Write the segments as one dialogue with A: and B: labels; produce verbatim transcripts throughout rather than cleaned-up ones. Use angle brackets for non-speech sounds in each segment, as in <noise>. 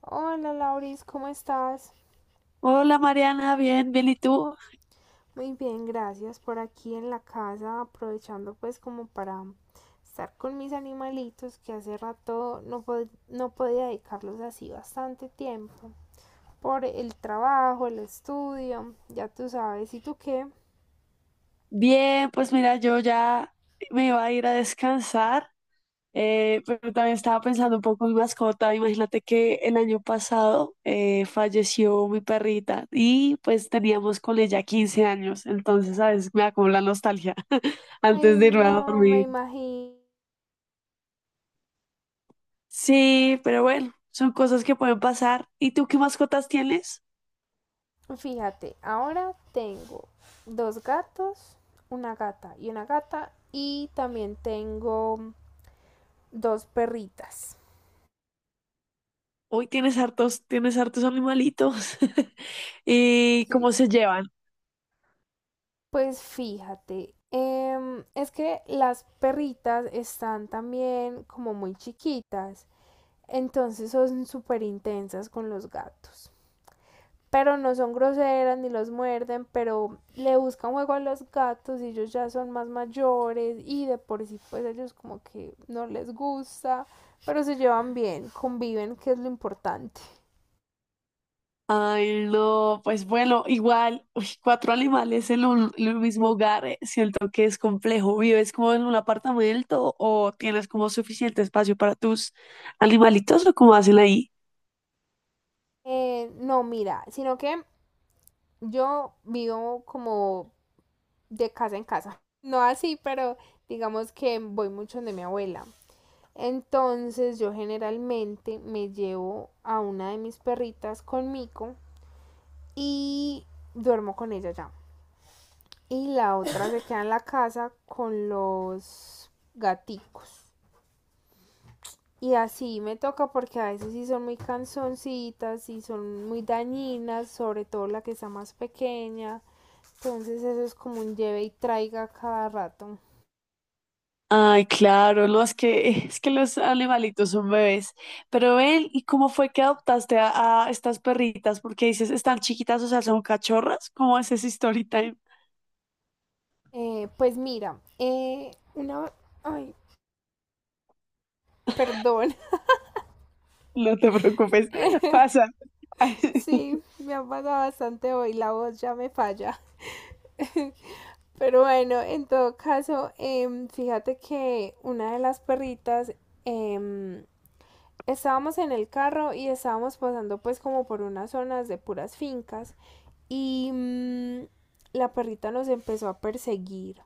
A: Hola Lauris, ¿cómo estás?
B: Hola Mariana, bien, bien, ¿y tú?
A: Muy bien, gracias. Por aquí en la casa, aprovechando pues como para estar con mis animalitos que hace rato no, pod- no podía dedicarlos así bastante tiempo. Por el trabajo, el estudio, ya tú sabes. ¿Y tú qué?
B: Bien, pues mira, yo ya me iba a ir a descansar, eh, pero también estaba pensando un poco en mi mascota. Imagínate que el año pasado eh, falleció mi perrita y pues teníamos con ella quince años, entonces a veces me da como la nostalgia <laughs>
A: Ay,
B: antes de irme a
A: no me
B: dormir.
A: imagino.
B: Sí, pero bueno, son cosas que pueden pasar. ¿Y tú qué mascotas tienes?
A: Fíjate, ahora tengo dos gatos, una gata y una gata, y también tengo dos perritas.
B: Hoy tienes hartos, tienes hartos animalitos. <laughs> ¿Y cómo se llevan?
A: Pues fíjate, em, es que las perritas están también como muy chiquitas, entonces son súper intensas con los gatos. Pero no son groseras ni los muerden, pero le buscan juego a los gatos y ellos ya son más mayores y de por sí pues ellos como que no les gusta, pero se llevan bien, conviven, que es lo importante.
B: Ay, no, pues bueno, igual, uy, cuatro animales en un, en un mismo hogar, eh, siento que es complejo. ¿Vives como en un apartamento o tienes como suficiente espacio para tus animalitos o cómo hacen ahí?
A: Eh, no, mira, sino que yo vivo como de casa en casa. No así, pero digamos que voy mucho donde mi abuela. Entonces yo generalmente me llevo a una de mis perritas conmigo y duermo con ella ya. Y la otra se queda en la casa con los gaticos. Y así me toca porque a veces sí son muy cansoncitas y son muy dañinas, sobre todo la que está más pequeña. Entonces eso es como un lleve y traiga cada rato.
B: Ay, claro, no, es que, es que los animalitos son bebés. Pero ven, ¿y cómo fue que adoptaste a, a estas perritas? Porque dices, están chiquitas, o sea, son cachorras. ¿Cómo es ese story time? <laughs>
A: Eh, pues mira, eh, una... Ay, perdón. <laughs>
B: No te preocupes, <laughs> pasa. <laughs>
A: Sí, me ha pasado bastante hoy, la voz ya me falla. Pero bueno, en todo caso, em, fíjate que una de las perritas, em, estábamos en el carro y estábamos pasando pues como por unas zonas de puras fincas y mm, la perrita nos empezó a perseguir.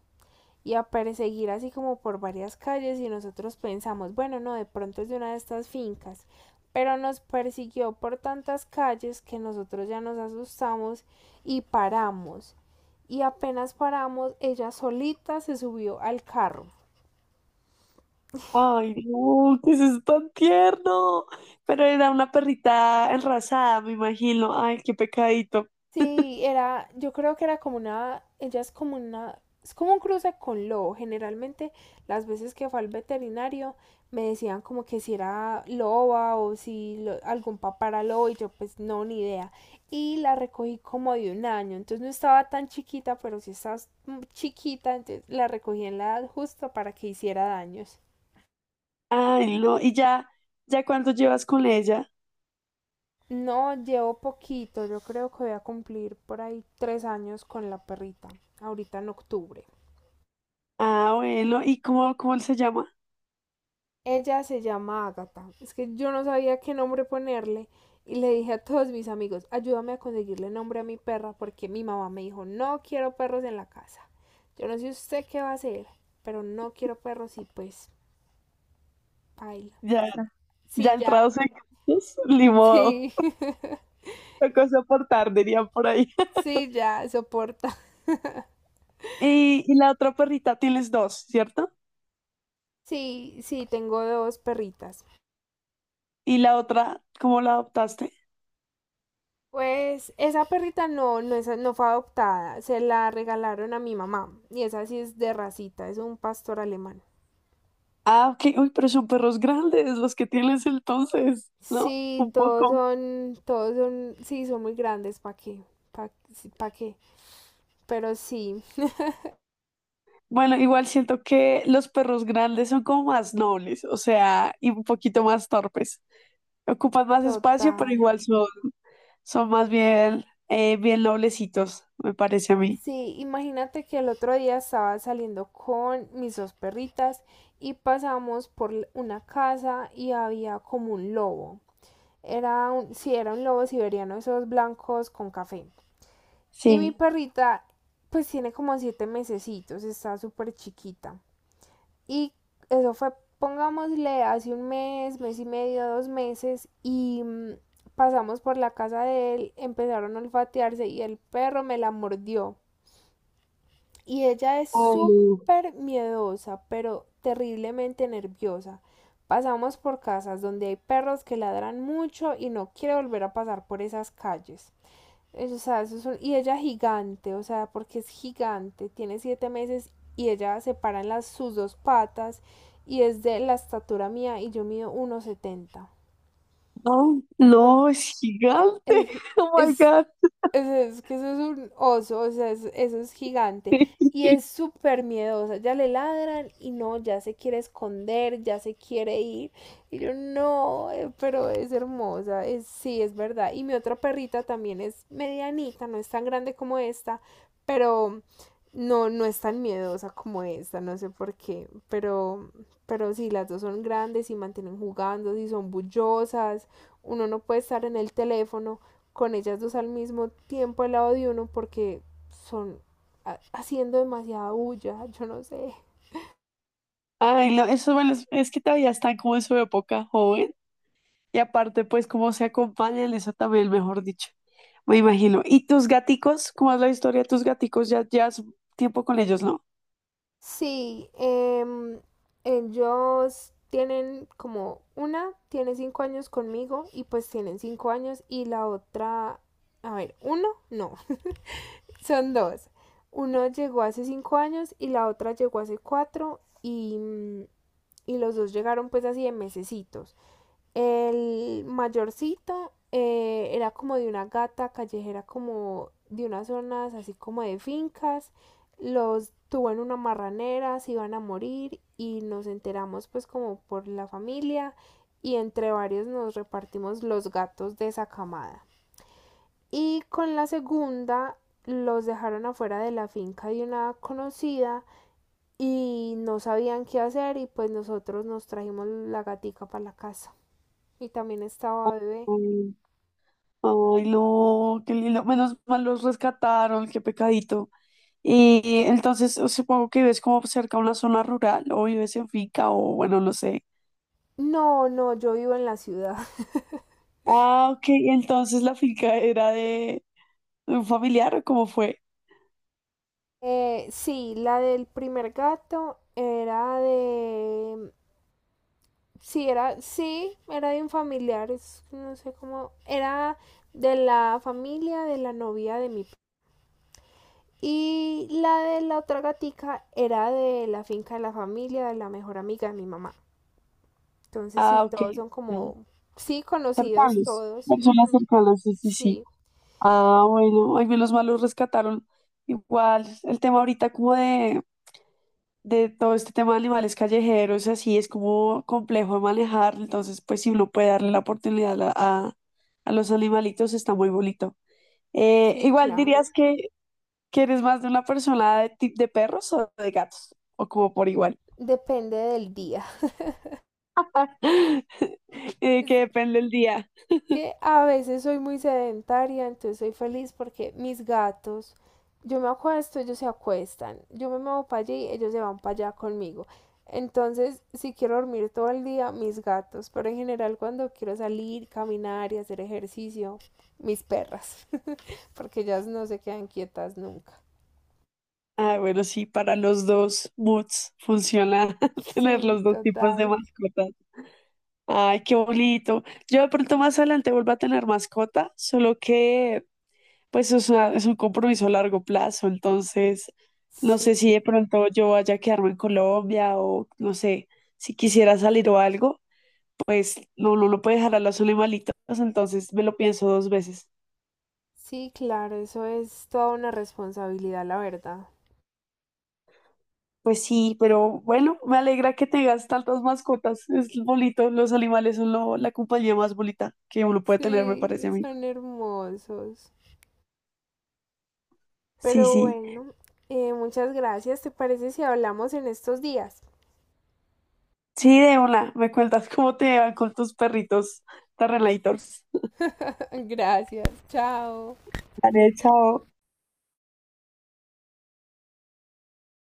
A: Y a perseguir así como por varias calles y nosotros pensamos, bueno, no, de pronto es de una de estas fincas, pero nos persiguió por tantas calles que nosotros ya nos asustamos y paramos. Y apenas paramos, ella solita se subió al carro.
B: Ay, no, que eso es tan tierno. Pero era una perrita enrasada, me imagino. Ay, qué pecadito.
A: Sí, era, yo creo que era como una, ella es como una, es como un cruce con lobo. Generalmente las veces que fue al veterinario me decían como que si era loba o si lo- algún papá era lobo y yo pues no, ni idea. Y la recogí como de un año, entonces no estaba tan chiquita, pero sí estaba mm, chiquita, entonces la recogí en la edad justa para que hiciera daños.
B: Ay, no. ¿Y ya, ¿ya cuánto llevas con ella?
A: No, llevo poquito, yo creo que voy a cumplir por ahí tres años con la perrita, ahorita en octubre.
B: Ah, bueno. ¿Y cómo, cómo él se llama?
A: Ella se llama Ágata. Es que yo no sabía qué nombre ponerle y le dije a todos mis amigos, ayúdame a conseguirle nombre a mi perra porque mi mamá me dijo, no quiero perros en la casa. Yo no sé usted qué va a hacer, pero no quiero perros y pues baila.
B: Ya, ya
A: Sí, ya.
B: entrados en gastos, ni modo.
A: Sí,
B: Tocó soportar, dirían por ahí.
A: <laughs>
B: <laughs>
A: sí, ya, soporta.
B: Y, y la otra perrita, tienes dos, ¿cierto?
A: Sí, sí, tengo dos perritas.
B: Y la otra, ¿cómo la adoptaste?
A: Pues esa perrita no, no, es, no fue adoptada, se la regalaron a mi mamá y esa sí es de racita, es un pastor alemán.
B: Ah, ok. Uy, pero son perros grandes los que tienes entonces, ¿no?
A: Sí,
B: Un
A: todos
B: poco.
A: son, todos son, sí, son muy grandes, ¿para qué? ¿Para qué? Pero sí,
B: Bueno, igual siento que los perros grandes son como más nobles, o sea, y un poquito más torpes. Ocupan más espacio, pero
A: total.
B: igual son, son más bien, eh, bien noblecitos, me parece a mí.
A: Sí, imagínate que el otro día estaba saliendo con mis dos perritas y pasamos por l- una casa y había como un lobo. Era un, sí, era un lobo siberiano, esos blancos con café. Y mi
B: Sí.
A: perrita, pues tiene como siete mesecitos, está súper chiquita. Y eso fue, pongámosle, hace un mes, mes y medio, dos meses, y mm, pasamos por la casa de él, empezaron a olfatearse y el perro me la mordió. Y ella es
B: Oh,
A: súper miedosa, pero terriblemente nerviosa. Pasamos por casas donde hay perros que ladran mucho y no quiere volver a pasar por esas calles. Es- o sea, eso es un- y ella gigante, o sea, porque es gigante, tiene siete meses y ella se para en las, sus dos patas y es de la estatura mía y yo mido uno setenta.
B: no,
A: No,
B: no, es gigante.
A: es,
B: <laughs> Oh my
A: es
B: God.
A: es es que eso es un oso, o sea, es- eso es gigante. Y
B: <laughs>
A: es súper miedosa. Ya le ladran y no, ya se quiere esconder, ya se quiere ir. Y yo, no, eh, pero es hermosa. Es, sí, es verdad. Y mi otra perrita también es medianita, no es tan grande como esta, pero no, no es tan miedosa como esta, no sé por qué. Pero, pero sí, las dos son grandes y mantienen jugando, y son bullosas. Uno no puede estar en el teléfono con ellas dos al mismo tiempo al lado de uno porque son haciendo demasiada bulla, <laughs> yo no sé.
B: Ay, no, eso, bueno, es es que todavía están como en su época joven. Y aparte, pues, cómo se acompañan, eso también, mejor dicho. Me imagino. ¿Y tus gaticos? ¿Cómo es la historia de tus gaticos? Ya llevas tiempo con ellos, ¿no?
A: Sí, eh, ellos tienen como una tiene cinco años conmigo y pues tienen cinco años y la otra, a ver, uno, no, <laughs> son dos. Uno llegó hace cinco años y la otra llegó hace cuatro y, y los dos llegaron pues así de mesecitos. El mayorcito eh, era como de una gata callejera, como de unas zonas así como de fincas. Los tuvo en una marranera, se iban a morir y nos enteramos pues como por la familia y entre varios nos repartimos los gatos de esa camada. Y con la segunda los dejaron afuera de la finca de una conocida y no sabían qué hacer y pues nosotros nos trajimos la gatica para la casa. Y también estaba bebé.
B: Ay, ay, no, qué lindo. Menos mal los rescataron, qué pecadito. Y entonces supongo que vives como cerca a una zona rural o vives en finca o bueno, no sé.
A: No, no, yo vivo en la ciudad. <laughs>
B: Ah, ok. Entonces la finca era de un familiar o cómo fue.
A: Eh, sí, la del primer gato era de... Sí, era, sí, era de un familiar, es- no sé cómo, era de la familia de la novia de mi... Y la de la otra gatica era de la finca de la familia de la mejor amiga de mi mamá. Entonces sí,
B: Ah, ok,
A: todos son
B: ya.
A: como, sí, conocidos
B: Cercanos,
A: todos.
B: personas
A: Ujú,
B: cercanas, sí, sí, sí.
A: sí,
B: Ah, bueno, ay, menos mal los rescataron. Igual, el tema ahorita como de, de todo este tema de animales callejeros, así es como complejo de manejar, entonces pues si uno puede darle la oportunidad a, a- a los animalitos, está muy bonito. Eh,
A: sí,
B: igual dirías
A: claro.
B: que, que eres más de una persona de, ti- de perros o de gatos, o como por igual,
A: Depende del día.
B: <laughs> eh, que
A: <laughs>
B: depende el día.
A: Que a veces soy muy sedentaria, entonces soy feliz porque mis gatos, yo me acuesto, ellos se acuestan, yo me muevo para allí, ellos se van para allá conmigo. Entonces, si quiero dormir todo el día, mis gatos, pero en general cuando quiero salir, caminar y hacer ejercicio, mis perras, <laughs> porque ellas no se quedan quietas nunca.
B: Ah, bueno, sí, para los dos moods funciona <laughs> tener
A: Sí,
B: los dos tipos de
A: total.
B: mascotas. Ay, qué bonito. Yo de pronto más adelante vuelvo a tener mascota, solo que pues es, una- es un compromiso a largo plazo, entonces no sé si de
A: Sí,
B: pronto yo vaya a quedarme en Colombia o no sé, si quisiera salir o algo, pues no, no, no puede dejar a los animalitos, entonces me lo pienso dos veces.
A: sí, claro, eso es toda una responsabilidad, la verdad.
B: Pues sí, pero bueno, me alegra que tengas tantas mascotas, es bonito, los animales son lo- la compañía más bonita que uno puede tener, me parece
A: Sí,
B: a mí.
A: son hermosos.
B: Sí,
A: Pero
B: sí.
A: bueno, eh, muchas gracias. ¿Te parece si hablamos en estos días?
B: Sí, de una. Me cuentas cómo te van con tus perritos Terrelators.
A: <laughs> Gracias, chao.
B: Dale, chao.